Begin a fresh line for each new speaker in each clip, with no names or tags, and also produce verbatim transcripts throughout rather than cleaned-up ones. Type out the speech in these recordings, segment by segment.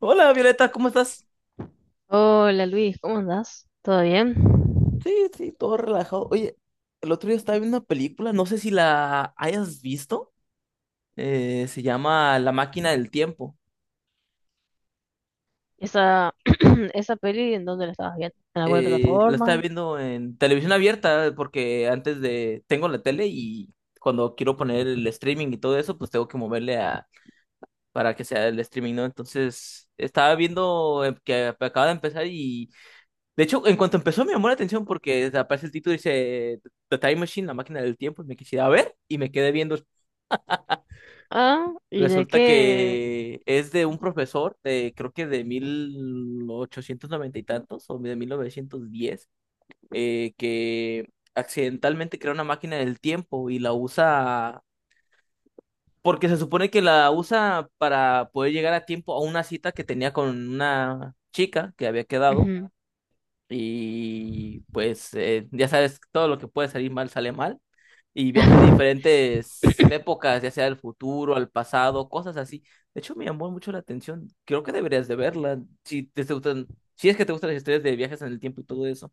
Hola Violeta, ¿cómo estás?
Hola Luis, ¿cómo andás? ¿Todo bien?
Sí, sí, todo relajado. Oye, el otro día estaba viendo una película, no sé si la hayas visto. Eh, se llama La máquina del tiempo.
Esa, esa peli, ¿en dónde la estabas viendo? ¿En alguna
Eh, la estaba
plataforma?
viendo en televisión abierta porque antes de... Tengo la tele y cuando quiero poner el streaming y todo eso, pues tengo que moverle a... para que sea el streaming, ¿no? Entonces, estaba viendo eh, que acaba de empezar. De hecho, en cuanto empezó me llamó la atención porque aparece el título y dice The Time Machine, la máquina del tiempo, y me quisiera ver y me quedé viendo.
Ah, ¿y de
Resulta
qué?
que es de un profesor de creo que de mil ochocientos noventa y tantos o de mil novecientos diez eh, que accidentalmente crea una máquina del tiempo y la usa porque se supone que la usa para poder llegar a tiempo a una cita que tenía con una chica que había quedado,
Ujú.
y pues eh, ya sabes, todo lo que puede salir mal sale mal. Y viaja a diferentes épocas, ya sea al futuro, al pasado, cosas así. De hecho, me llamó mucho la atención. Creo que deberías de verla. Si te te gustan, si es que te gustan las historias de viajes en el tiempo y todo eso,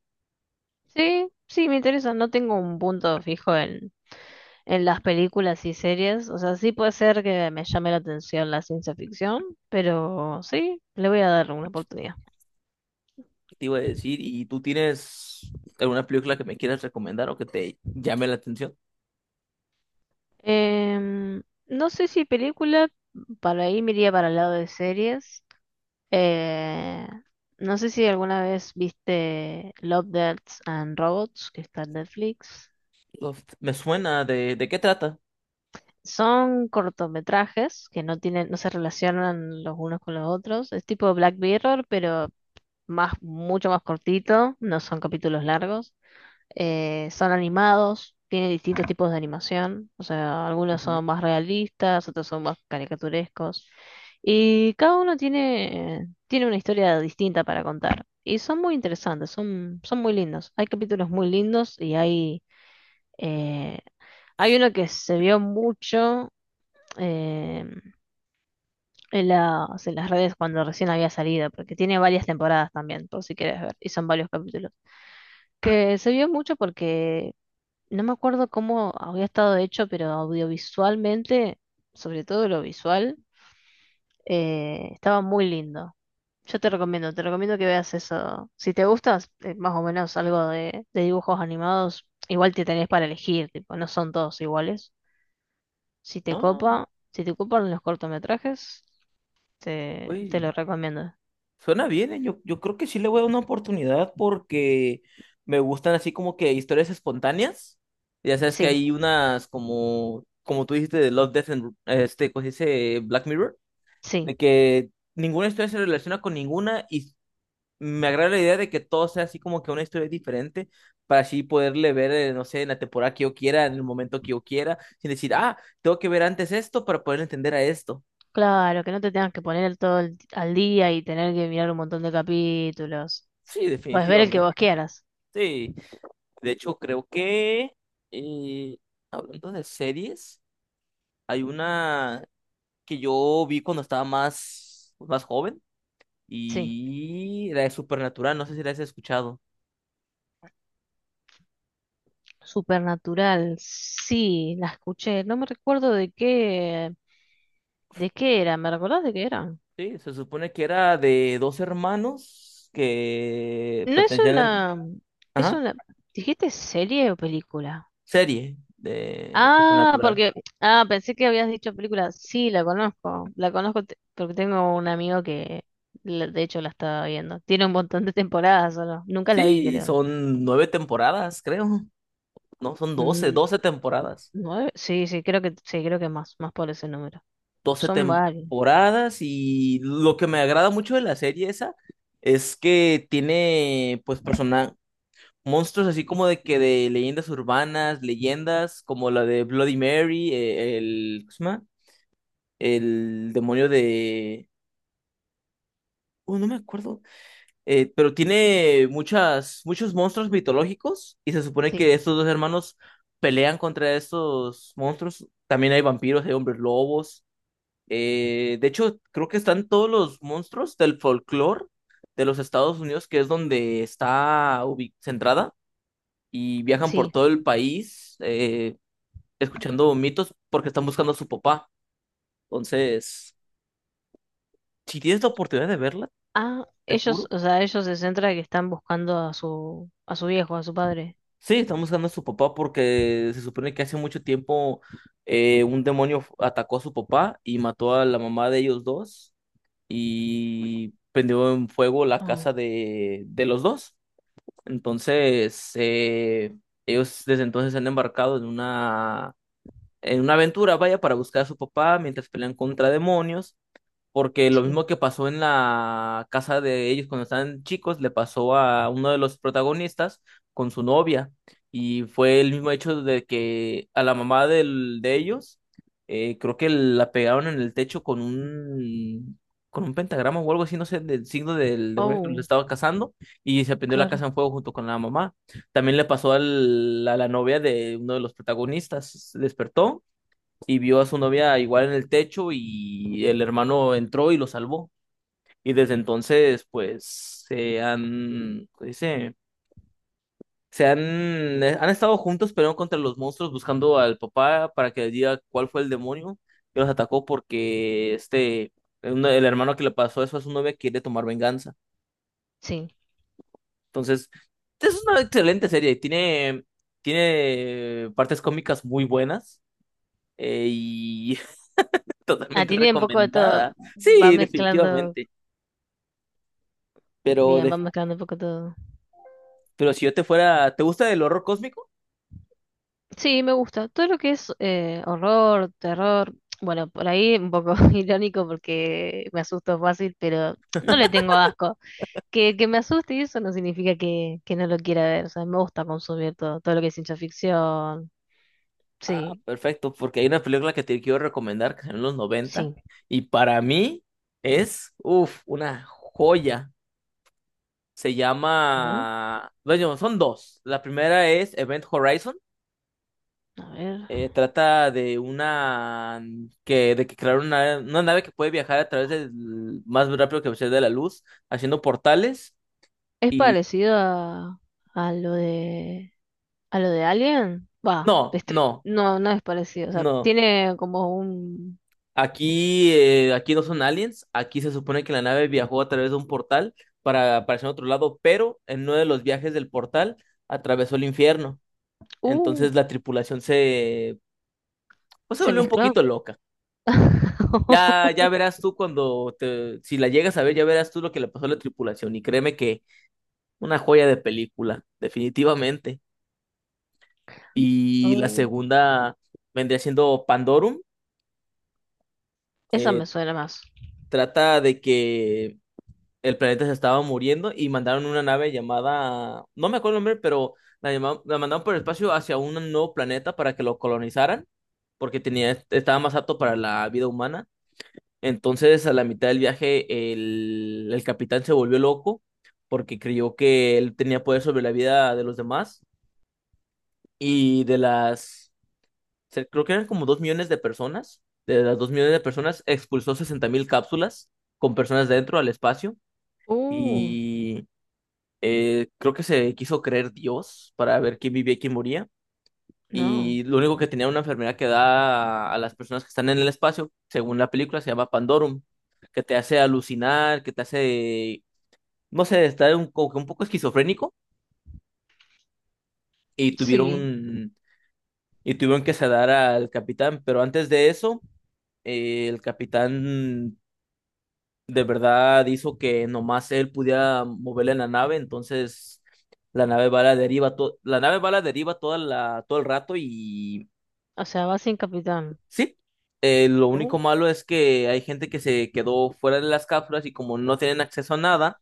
Sí, sí, me interesa. No tengo un punto fijo en, en las películas y series. O sea, sí puede ser que me llame la atención la ciencia ficción, pero sí, le voy a dar una oportunidad.
¿qué te iba a decir? ¿Y tú tienes alguna película que me quieras recomendar o que te llame la atención?
Em, no sé si película, para ahí me iría para el lado de series. Eh, no sé si alguna vez viste Love, Death and Robots, que está en Netflix.
Uf, me suena de, ¿de qué trata?
Son cortometrajes que no tienen, no se relacionan los unos con los otros. Es tipo Black Mirror, pero más, mucho más cortito, no son capítulos largos. Eh, son animados, tienen distintos tipos de animación, o sea, algunos
Ujú.
son más realistas, otros son más caricaturescos, y cada uno tiene, tiene una historia distinta para contar. Y son muy interesantes, son, son muy lindos. Hay capítulos muy lindos y hay, eh, hay uno que se vio mucho eh, en las, en las redes cuando recién había salido, porque tiene varias temporadas también, por si quieres ver, y son varios capítulos. Que se vio mucho porque no me acuerdo cómo había estado hecho, pero audiovisualmente, sobre todo lo visual, eh, estaba muy lindo. Yo te recomiendo, te recomiendo que veas eso. Si te gustas, eh, más o menos algo de, de dibujos animados, igual te tenés para elegir, tipo, no son todos iguales. Si te
Ah,
copa, si te copan los cortometrajes, te, te
uy,
lo recomiendo.
suena bien, ¿eh? Yo, yo creo que sí le voy a dar una oportunidad porque me gustan así como que historias espontáneas. Ya sabes que
Sí,
hay unas como, como tú dijiste de Love, Death and este, pues dice Black Mirror,
sí.
de que ninguna historia se relaciona con ninguna y me agrada la idea de que todo sea así como que una historia diferente para así poderle ver, eh, no sé, en la temporada que yo quiera, en el momento que yo quiera, sin decir, ah, tengo que ver antes esto para poder entender a esto.
Claro, que no te tengas que poner el todo el- al día y tener que mirar un montón de capítulos.
Sí,
Puedes ver el que vos
definitivamente.
quieras.
Sí, de hecho creo que eh, hablando de series, hay una que yo vi cuando estaba más, más joven,
Sí.
y la de Supernatural, no sé si la has escuchado.
Supernatural, sí, la escuché. No me recuerdo de qué, de qué era. ¿Me recordás de qué era?
Sí, se supone que era de dos hermanos que
No es
pertenecían
una,
a...
es
Ajá,
una, ¿dijiste serie o película?
serie de
Ah,
Supernatural.
porque, ah, pensé que habías dicho película. Sí, la conozco, la conozco te- porque tengo un amigo que, la- de hecho, la estaba viendo. Tiene un montón de temporadas solo. Nunca la vi,
Sí,
pero
son nueve temporadas, creo. No, son doce,
mm,
doce temporadas.
nueve, sí, sí, creo que, sí, creo que más, más por ese número.
Doce
Son varios.
temporadas, y lo que me agrada mucho de la serie esa es que tiene pues persona monstruos así como de que de leyendas urbanas, leyendas como la de Bloody Mary, eh, el ¿cómo se llama? El demonio de uh, no me acuerdo, eh, pero tiene muchas muchos monstruos mitológicos, y se supone
Sí,
que estos dos hermanos pelean contra estos monstruos. También hay vampiros, hay hombres lobos. Eh, de hecho, creo que están todos los monstruos del folclore de los Estados Unidos, que es donde está ubi- centrada, y viajan por
sí.
todo el país eh, escuchando mitos porque están buscando a su papá. Entonces, si tienes la oportunidad de verla,
Ah,
te
ellos,
juro.
o sea, ellos se centran que están buscando a su, a su viejo, a su padre.
Sí, están buscando a su papá porque se supone que hace mucho tiempo eh, un demonio f- atacó a su papá y mató a la mamá de ellos dos y prendió en fuego la
Oh,
casa de, de los dos. Entonces, eh, ellos desde entonces se han embarcado en una, en una aventura, vaya, para buscar a su papá mientras pelean contra demonios, porque lo
sí.
mismo que pasó en la casa de ellos cuando estaban chicos, le pasó a uno de los protagonistas con su novia. Y fue el mismo hecho de que a la mamá del, de ellos, eh, creo que la pegaron en el techo con un, con un pentagrama o algo así, no sé, del signo del demonio que los
Oh,
estaba cazando, y se prendió la
claro.
casa en fuego junto con la mamá. También le pasó al- a la novia de uno de los protagonistas, se despertó y vio a su novia igual en el techo y el hermano entró y lo salvó. Y desde entonces, pues, se han, ¿cómo se dice? Se han, eh, han estado juntos peleando contra los monstruos, buscando al papá para que le diga cuál fue el demonio que los atacó porque este, un- el hermano que le pasó eso a su novia quiere tomar venganza.
Sí.
Entonces, es una excelente serie, tiene, tiene partes cómicas muy buenas eh, y
Ah,
totalmente
tiene un poco de todo.
recomendada.
Va
Sí,
mezclando,
definitivamente. Pero,
bien, va
de-
mezclando un poco todo.
pero si yo te fuera, ¿te gusta el horror cósmico?
Sí, me gusta. Todo lo que es eh, horror, terror. Bueno, por ahí un poco irónico porque me asusto fácil, pero no le tengo asco. Que, que me asuste y eso no significa que, que no lo quiera ver. O sea, me gusta consumir todo, todo lo que es ciencia ficción.
Ah,
Sí,
perfecto, porque hay una película que te quiero recomendar que es en los noventa
sí.
y para mí es, uff, una joya. Se llama, bueno, son dos. La primera es Event Horizon.
A ver.
Eh, trata de una que de que crearon una, una nave que puede viajar a través del más rápido que la velocidad de la luz, haciendo portales
¿Es
y
parecido a, a lo de a lo de Alien? Va,
no,
este,
no,
no, no es parecido. O sea,
no.
tiene como un
Aquí, eh, aquí no son aliens, aquí se supone que la nave viajó a través de un portal para aparecer en otro lado, pero en uno de los viajes del portal atravesó el infierno.
uh,
Entonces la tripulación se, pues, se
se
volvió un
mezcló.
poquito loca. Ya, ya verás tú cuando te, si la llegas a ver, ya verás tú lo que le pasó a la tripulación. Y créeme que una joya de película, definitivamente. Y la
Oh,
segunda vendría siendo Pandorum.
esa
Eh,
me suena más.
trata de que el planeta se estaba muriendo y mandaron una nave llamada, no me acuerdo el nombre, pero la, llama- la mandaron por el espacio hacia un nuevo planeta para que lo colonizaran, porque tenía, estaba más apto para la vida humana. Entonces, a la mitad del viaje, el, el capitán se volvió loco porque creyó que él tenía poder sobre la vida de los demás y de las, se- creo que eran como dos millones de personas. De las dos millones de personas, expulsó sesenta mil cápsulas con personas dentro al espacio.
Uh,
Y eh, creo que se quiso creer Dios para ver quién vivía y quién moría.
no.
Y lo único que tenía era una enfermedad que da a, a las personas que están en el espacio, según la película, se llama Pandorum, que te hace alucinar, que te hace, no sé, estar un, como que un poco esquizofrénico. Y
Sí.
tuvieron, y tuvieron que sedar al capitán, pero antes de eso, eh, el capitán de verdad hizo que nomás él pudiera moverle la nave, entonces la nave va a la deriva, to- la nave va a la deriva toda la, todo el rato y
O sea, va sin capitán.
sí, eh, lo único
Oh,
malo es que hay gente que se quedó fuera de las cápsulas y como no tienen acceso a nada,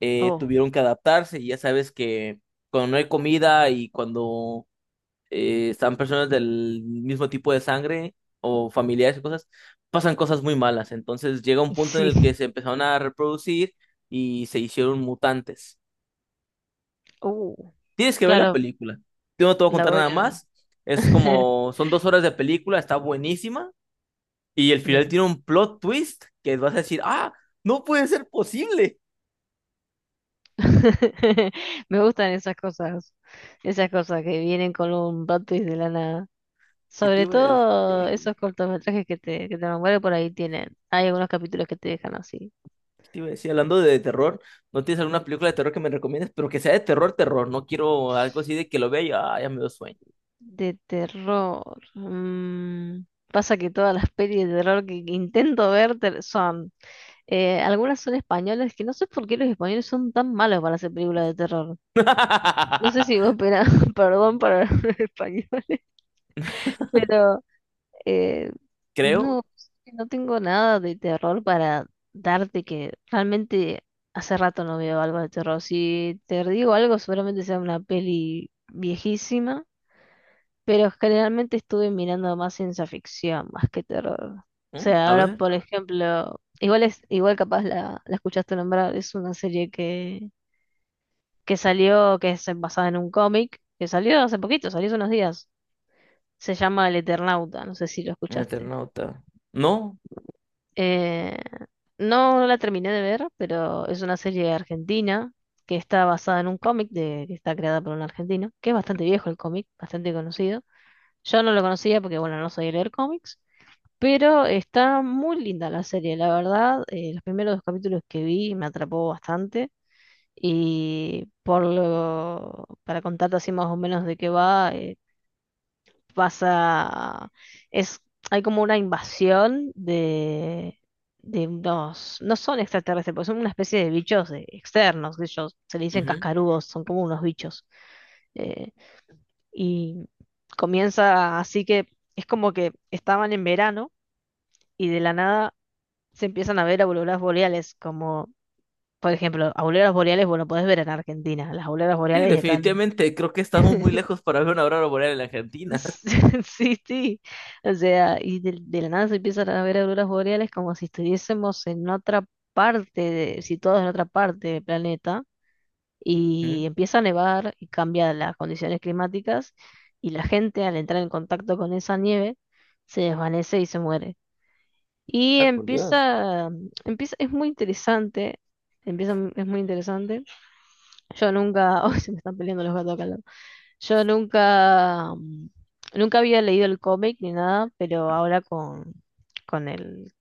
eh,
oh.
tuvieron que adaptarse, y ya sabes que cuando no hay comida y cuando eh, están personas del mismo tipo de sangre o familiares y cosas, pasan cosas muy malas. Entonces llega un punto en el
Sí.
que se empezaron a reproducir y se hicieron mutantes.
Uh.
Tienes que ver la
Claro,
película. Yo no te voy a
la
contar
voy
nada
a ver.
más. Es como, son dos horas de película, está buenísima. Y el final
Bien.
tiene un plot twist que vas a decir, ah, no puede ser posible.
Me gustan esas cosas. Esas cosas que vienen con un plot twist de lana.
¿Qué te
Sobre
iba a decir?
todo
¿Qué
esos cortometrajes que te, que te nombré por ahí tienen. Hay algunos capítulos que te dejan así.
te iba a decir? Hablando de terror, ¿no tienes alguna película de terror que me recomiendes? Pero que sea de terror, terror. No quiero algo así de que lo vea y ah, ya me dio sueño.
De terror. mm, Pasa que todas las pelis de terror que intento ver te- son. Eh, algunas son españolas, que no sé por qué los españoles son tan malos para hacer películas de terror. No sé si vos, pena- perdón para los españoles, pero Eh,
Creo.
no, no tengo nada de terror para darte que realmente hace rato no veo algo de terror. Si te digo algo, seguramente sea una peli viejísima, pero generalmente estuve mirando más ciencia ficción, más que terror. O
Mm,
sea,
a
ahora
ver,
por ejemplo, igual es, igual capaz la, la escuchaste nombrar, es una serie que, que salió, que es basada en un cómic, que salió hace poquito, salió hace unos días. Se llama El Eternauta, no sé si lo
un
escuchaste.
Eternauta. No.
Eh, no la terminé de ver, pero es una serie argentina que está basada en un cómic de, que está creada por un argentino, que es bastante viejo el cómic, bastante conocido. Yo no lo conocía porque, bueno, no soy de leer cómics, pero está muy linda la serie, la verdad. Eh, los primeros dos capítulos que vi me atrapó bastante y por lo, para contarte así más o menos de qué va, pasa, es, hay como una invasión de, de unos, no son extraterrestres, porque son una especie de bichos eh, externos, de ellos se le dicen
Ujú.
cascarudos, son como unos bichos. eh, y comienza así que es como que estaban en verano y de la nada se empiezan a ver auroras boreales, como por ejemplo, auroras boreales, bueno, podés ver en Argentina, las auroras
Sí,
boreales están...
definitivamente. Creo que estamos muy lejos para ver una aurora boreal en la Argentina.
Sí, sí. O sea, y de, de la nada se empiezan a ver auroras boreales como si estuviésemos en otra parte, de- situados en otra parte del planeta, y
Mm,
empieza a nevar y cambia las condiciones climáticas, y la gente al entrar en contacto con esa nieve se desvanece y se muere. Y
ay, por Dios.
empieza, empieza, es muy interesante, empieza, es muy interesante. Yo nunca, hoy se me están peleando los gatos acá. Yo nunca, mm, nunca había leído el cómic ni nada, pero ahora con, con el,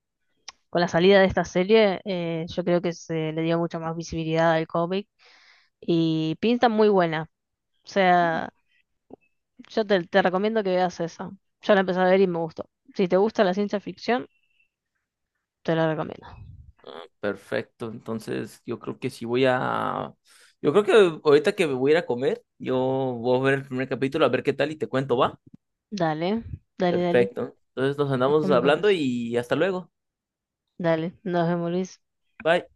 con la salida de esta serie, eh, yo creo que se le dio mucha más visibilidad al cómic y pinta muy buena. O sea, yo te, te recomiendo que veas esa. Yo la empecé a ver y me gustó. Si te gusta la ciencia ficción, te la recomiendo.
Perfecto. Entonces, yo creo que sí voy a. Yo creo que ahorita que me voy a ir a comer, yo voy a ver el primer capítulo, a ver qué tal y te cuento, ¿va?
Dale, dale, dale.
Perfecto. Entonces nos andamos
Después me
hablando
contás.
y hasta luego.
Dale, nos vemos, Luis.
Bye.